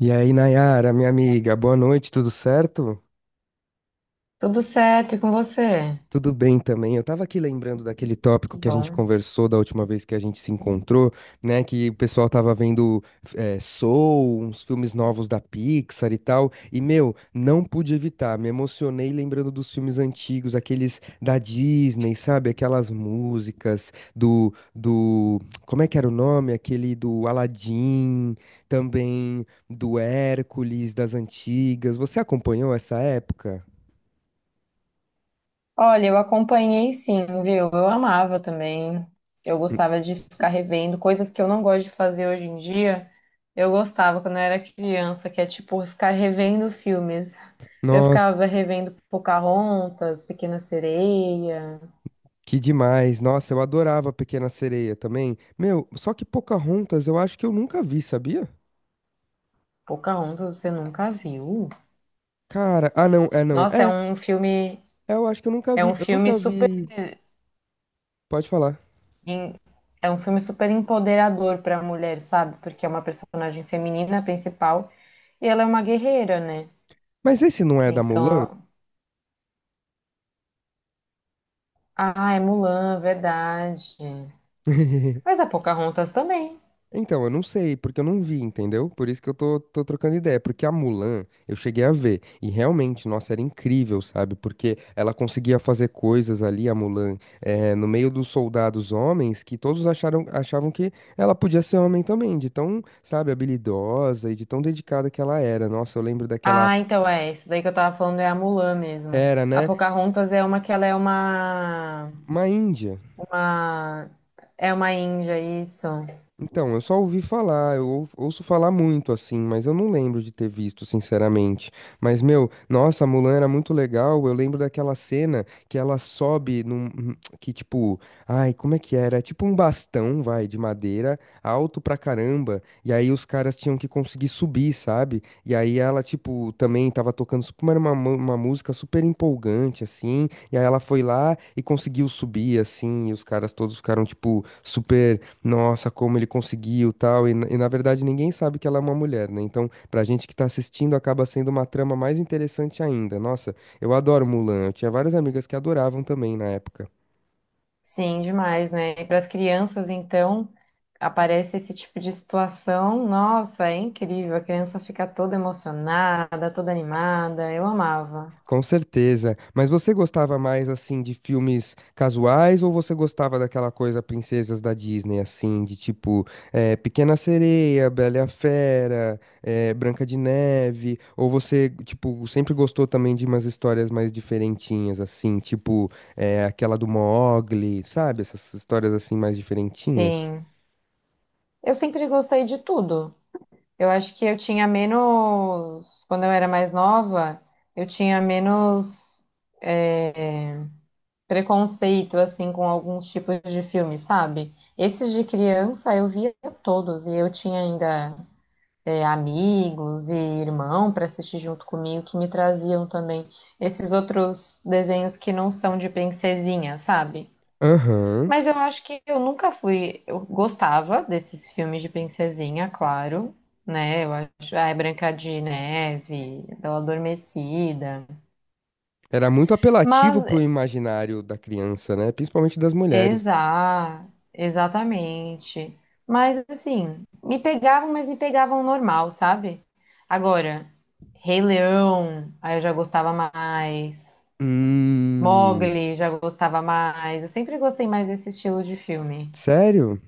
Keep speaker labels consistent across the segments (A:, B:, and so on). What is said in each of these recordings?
A: E aí, Nayara, minha amiga, boa noite, tudo certo?
B: Tudo certo e com você?
A: Tudo bem também. Eu estava aqui lembrando daquele tópico
B: Que
A: que a gente
B: bom.
A: conversou da última vez que a gente se encontrou, né? Que o pessoal estava vendo Soul, uns filmes novos da Pixar e tal. E, meu, não pude evitar. Me emocionei lembrando dos filmes antigos, aqueles da Disney, sabe? Aquelas músicas do. Como é que era o nome? Aquele do Aladdin, também do Hércules, das antigas. Você acompanhou essa época?
B: Olha, eu acompanhei sim, viu? Eu amava também. Eu gostava de ficar revendo coisas que eu não gosto de fazer hoje em dia. Eu gostava quando eu era criança, que é tipo ficar revendo filmes. Eu
A: Nossa.
B: ficava revendo Pocahontas, Pequena Sereia.
A: Que demais. Nossa, eu adorava a Pequena Sereia também. Meu, só que Pocahontas eu acho que eu nunca vi, sabia?
B: Pocahontas você nunca viu?
A: Cara, ah não, é não.
B: Nossa,
A: Eu acho que eu nunca
B: é um
A: vi. Eu
B: filme
A: nunca
B: super
A: vi. Pode falar.
B: em- É um filme super empoderador para a mulher, sabe? Porque é uma personagem feminina principal. E ela é uma guerreira, né?
A: Mas esse não é da Mulan?
B: Então, ah, é Mulan, verdade. Mas a Pocahontas também.
A: Então, eu não sei, porque eu não vi, entendeu? Por isso que eu tô trocando ideia, porque a Mulan eu cheguei a ver, e realmente, nossa, era incrível, sabe? Porque ela conseguia fazer coisas ali, a Mulan, no meio dos soldados homens, que achavam que ela podia ser homem também, de tão, sabe, habilidosa e de tão dedicada que ela era. Nossa, eu lembro daquela
B: Ah, então é, isso daí que eu tava falando é a Mulan mesmo.
A: era,
B: A
A: né?
B: Pocahontas é uma que ela é
A: Uma índia.
B: uma, é uma índia, isso.
A: Então, eu só ouvi falar, ouço falar muito assim, mas eu não lembro de ter visto, sinceramente. Mas, meu, nossa, a Mulan era muito legal. Eu lembro daquela cena que ela sobe num. Que tipo. Ai, como é que era? É tipo um bastão, vai, de madeira, alto pra caramba. E aí os caras tinham que conseguir subir, sabe? E aí ela, tipo, também tava tocando. Como era uma música super empolgante, assim. E aí ela foi lá e conseguiu subir, assim. E os caras todos ficaram, tipo, super nossa, como ele conseguiu, tal, e na verdade ninguém sabe que ela é uma mulher, né? Então, pra gente que tá assistindo, acaba sendo uma trama mais interessante ainda. Nossa, eu adoro Mulan, eu tinha várias amigas que adoravam também na época.
B: Sim, demais, né? E para as crianças, então, aparece esse tipo de situação, nossa, é incrível. A criança fica toda emocionada, toda animada. Eu amava.
A: Com certeza. Mas você gostava mais assim de filmes casuais ou você gostava daquela coisa princesas da Disney assim, de tipo Pequena Sereia, Bela e a Fera, Branca de Neve? Ou você tipo sempre gostou também de umas histórias mais diferentinhas assim, tipo aquela do Mogli, sabe? Essas histórias assim mais diferentinhas?
B: Sim. Eu sempre gostei de tudo. Eu acho que eu tinha menos. Quando eu era mais nova, eu tinha menos é, preconceito, assim, com alguns tipos de filme, sabe? Esses de criança eu via todos, e eu tinha ainda amigos e irmão para assistir junto comigo que me traziam também esses outros desenhos que não são de princesinha, sabe?
A: Aham.
B: Mas eu acho que eu nunca fui. Eu gostava desses filmes de princesinha, claro, né? Eu acho. Ah, é Branca de Neve, Bela Adormecida.
A: Era muito
B: Mas,
A: apelativo pro imaginário da criança, né? Principalmente das mulheres.
B: exa, exatamente. Mas, assim, me pegavam, mas me pegavam normal, sabe? Agora, Rei Leão, aí eu já gostava mais.
A: Hum.
B: Mowgli, já gostava mais. Eu sempre gostei mais desse estilo de filme.
A: Sério?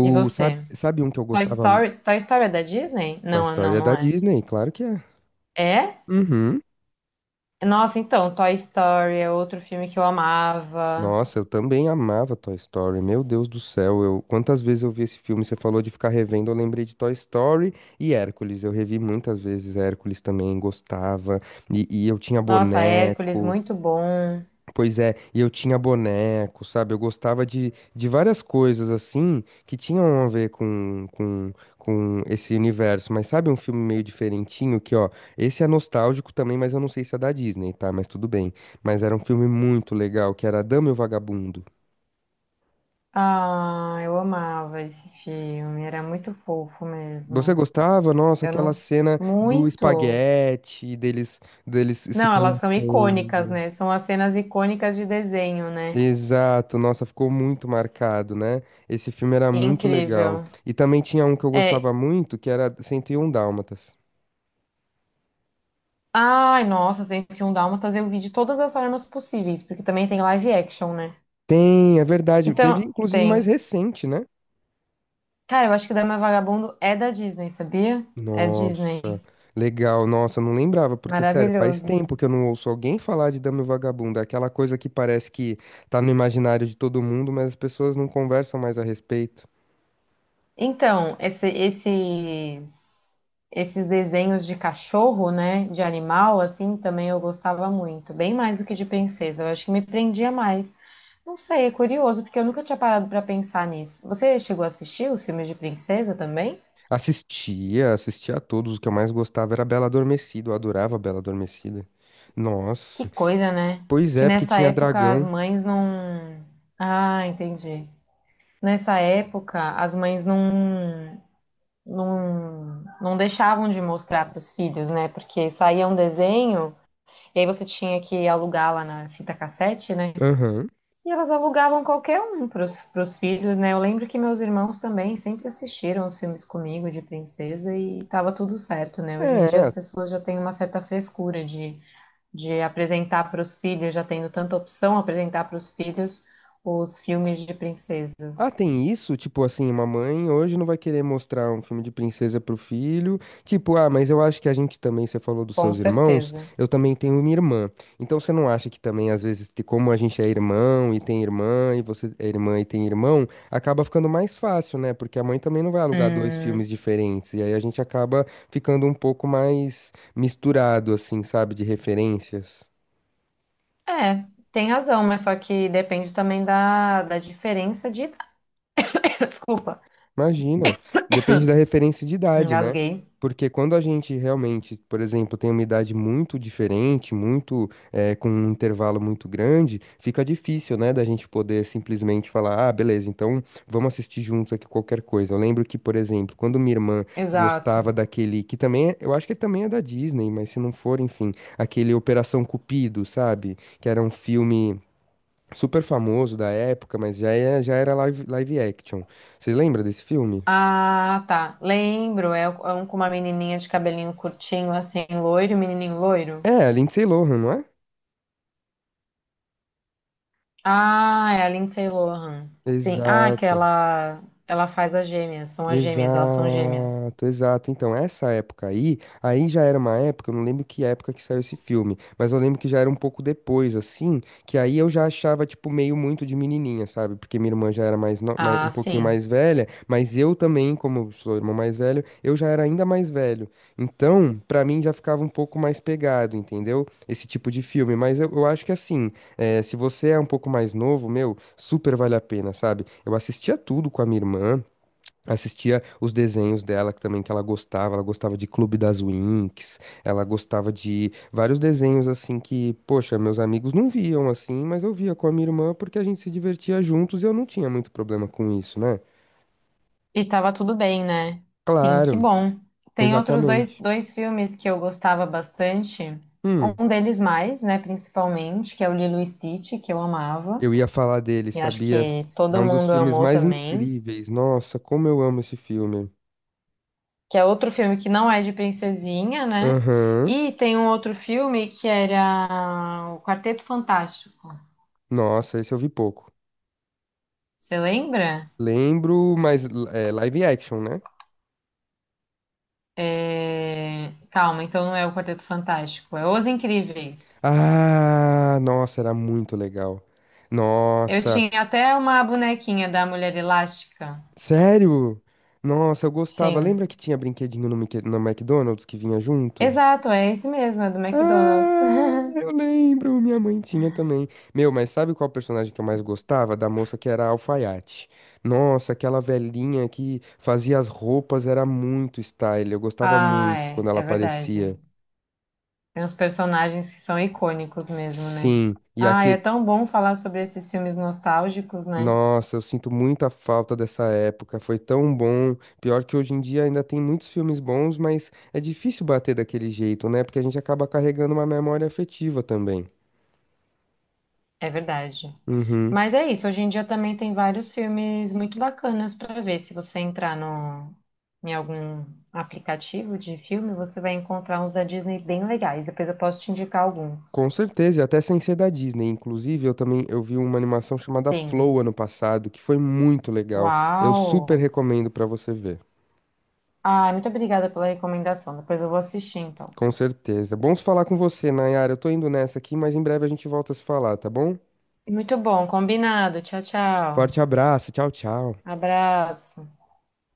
B: E você?
A: sabe um que eu
B: Toy
A: gostava? Mu-
B: Story, Toy Story é da Disney?
A: Toy
B: Não,
A: Story
B: não,
A: é da
B: não é.
A: Disney, claro que é.
B: É?
A: Uhum.
B: Nossa, então, Toy Story é outro filme que eu amava.
A: Nossa, eu também amava Toy Story. Meu Deus do céu, eu quantas vezes eu vi esse filme? Você falou de ficar revendo, eu lembrei de Toy Story e Hércules. Eu revi muitas vezes Hércules também, gostava. E eu tinha
B: Nossa, Hércules,
A: boneco.
B: muito bom.
A: Pois é, e eu tinha boneco, sabe? Eu gostava de várias coisas assim que tinham a ver com esse universo. Mas sabe um filme meio diferentinho que, ó, esse é nostálgico também, mas eu não sei se é da Disney, tá? Mas tudo bem. Mas era um filme muito legal, que era A Dama e o Vagabundo.
B: Ah, eu amava esse filme, era muito fofo
A: Você
B: mesmo.
A: gostava? Nossa,
B: Eu
A: aquela
B: não.
A: cena do
B: Muito.
A: espaguete, deles se
B: Não, elas são icônicas,
A: conhecendo.
B: né? São as cenas icônicas de desenho, né?
A: Exato, nossa, ficou muito marcado, né? Esse filme era muito legal.
B: Incrível.
A: E também tinha um que eu gostava
B: É.
A: muito, que era 101 Dálmatas.
B: Ai, nossa, 101 Dálmatas eu vi de todas as formas possíveis, porque também tem live action, né?
A: Tem, é verdade. Teve
B: Então,
A: inclusive mais
B: tem.
A: recente, né?
B: Cara, eu acho que o Dama e o Vagabundo é da Disney, sabia? É
A: Nossa,
B: Disney.
A: legal. Nossa, eu não lembrava, porque sério, faz
B: Maravilhoso.
A: tempo que eu não ouço alguém falar de Dama e o Vagabundo. É aquela coisa que parece que tá no imaginário de todo mundo, mas as pessoas não conversam mais a respeito.
B: Então, esse- esses, esses desenhos de cachorro, né? De animal, assim, também eu gostava muito. Bem mais do que de princesa. Eu acho que me prendia mais. Não sei, é curioso, porque eu nunca tinha parado pra pensar nisso. Você chegou a assistir os filmes de princesa também?
A: Assistia, assistia a todos. O que eu mais gostava era Bela Adormecida. Eu adorava Bela Adormecida.
B: Que
A: Nossa.
B: coisa, né?
A: Pois
B: Que
A: é, porque
B: nessa
A: tinha
B: época as
A: dragão.
B: mães não. Ah, entendi. Nessa época, as mães não não deixavam de mostrar para os filhos, né? Porque saía um desenho e aí você tinha que alugar lá na fita cassete, né?
A: Aham.
B: E elas alugavam qualquer um para os filhos, né? Eu lembro que meus irmãos também sempre assistiram os filmes comigo de princesa e tava tudo certo, né? Hoje em dia as
A: É.
B: pessoas já têm uma certa frescura de apresentar para os filhos, já tendo tanta opção apresentar para os filhos os filmes de
A: Ah,
B: princesas.
A: tem isso? Tipo assim, uma mãe hoje não vai querer mostrar um filme de princesa pro filho. Tipo, ah, mas eu acho que a gente também, você falou dos
B: Com
A: seus irmãos,
B: certeza.
A: eu também tenho minha irmã. Então você não acha que também, às vezes, te- como a gente é irmão e tem irmã, e você é irmã e tem irmão, acaba ficando mais fácil, né? Porque a mãe também não vai alugar dois
B: Hum,
A: filmes diferentes. E aí a gente acaba ficando um pouco mais misturado, assim, sabe, de referências.
B: É, tem razão, mas só que depende também da diferença de idade. Desculpa,
A: Imagina. Depende da referência de idade, né?
B: engasguei.
A: Porque quando a gente realmente, por exemplo, tem uma idade muito diferente, muito, com um intervalo muito grande, fica difícil, né, da gente poder simplesmente falar, ah, beleza, então vamos assistir juntos aqui qualquer coisa. Eu lembro que, por exemplo, quando minha irmã
B: Exato.
A: gostava daquele, que também, é- eu acho que também é da Disney, mas se não for, enfim, aquele Operação Cupido, sabe? Que era um filme super famoso da época, mas já, é, já era live action. Você lembra desse filme?
B: Ah, tá. Lembro, é um com uma menininha de cabelinho curtinho, assim, loiro, menininho loiro.
A: É, a Lindsay Lohan, não é?
B: Ah, é a Lindsay Lohan. Sim. Ah, que
A: Exato.
B: ela faz as gêmeas, são as gêmeas, elas são gêmeas.
A: Exato, exato. Então, essa época aí, aí já era uma época, eu não lembro que época que saiu esse filme, mas eu lembro que já era um pouco depois, assim, que aí eu já achava, tipo, meio muito de menininha, sabe? Porque minha irmã já era mais, um
B: Ah,
A: pouquinho
B: sim.
A: mais velha, mas eu também, como eu sou irmão mais velho, eu já era ainda mais velho. Então, pra mim já ficava um pouco mais pegado, entendeu? Esse tipo de filme. Mas eu acho que, assim, se você é um pouco mais novo, meu, super vale a pena, sabe? Eu assistia tudo com a minha irmã. Assistia os desenhos dela que ela gostava de Clube das Winx, ela gostava de vários desenhos assim que, poxa, meus amigos não viam assim, mas eu via com a minha irmã porque a gente se divertia juntos e eu não tinha muito problema com isso, né?
B: E tava tudo bem, né? Sim, que
A: Claro,
B: bom. Tem outros
A: exatamente.
B: dois filmes que eu gostava bastante.
A: Hum,
B: Um deles mais, né, principalmente, que é o Lilo e Stitch, que eu amava.
A: eu ia falar dele,
B: E acho
A: sabia?
B: que
A: É
B: todo
A: um dos
B: mundo
A: filmes
B: amou
A: mais
B: também.
A: incríveis. Nossa, como eu amo esse filme.
B: Que é outro filme que não é de princesinha, né?
A: Aham.
B: E tem um outro filme que era o Quarteto Fantástico.
A: Nossa, esse eu vi pouco.
B: Você lembra?
A: Lembro, mas é live action, né?
B: É, calma, então não é o Quarteto Fantástico, é Os Incríveis.
A: Ah, nossa, era muito legal.
B: Eu
A: Nossa,
B: tinha até uma bonequinha da Mulher Elástica.
A: sério? Nossa, eu gostava.
B: Sim.
A: Lembra que tinha brinquedinho Mickey- no McDonald's que vinha junto?
B: Exato, é esse mesmo, é do McDonald's.
A: Ah, eu lembro, minha mãe tinha também. Meu, mas sabe qual personagem que eu mais gostava? Da moça que era alfaiate. Nossa, aquela velhinha que fazia as roupas era muito style. Eu gostava
B: Ah,
A: muito
B: é,
A: quando ela
B: é verdade.
A: aparecia.
B: Tem uns personagens que são icônicos mesmo, né?
A: Sim, e
B: Ah, é
A: aquele.
B: tão bom falar sobre esses filmes nostálgicos, né?
A: Nossa, eu sinto muita falta dessa época. Foi tão bom. Pior que hoje em dia ainda tem muitos filmes bons, mas é difícil bater daquele jeito, né? Porque a gente acaba carregando uma memória afetiva também.
B: É verdade.
A: Uhum.
B: Mas é isso, hoje em dia também tem vários filmes muito bacanas para ver. Se você entrar no, em algum aplicativo de filme, você vai encontrar uns da Disney bem legais. Depois eu posso te indicar alguns.
A: Com certeza, e até sem ser da Disney. Inclusive, eu também eu vi uma animação chamada Flow
B: Sim.
A: ano passado, que foi muito legal. Eu super
B: Uau!
A: recomendo pra você ver.
B: Ah, muito obrigada pela recomendação. Depois eu vou assistir, então.
A: Com certeza. Bons falar com você, Nayara. Eu tô indo nessa aqui, mas em breve a gente volta a se falar, tá bom?
B: Muito bom, combinado. Tchau, tchau.
A: Forte abraço. Tchau, tchau.
B: Abraço.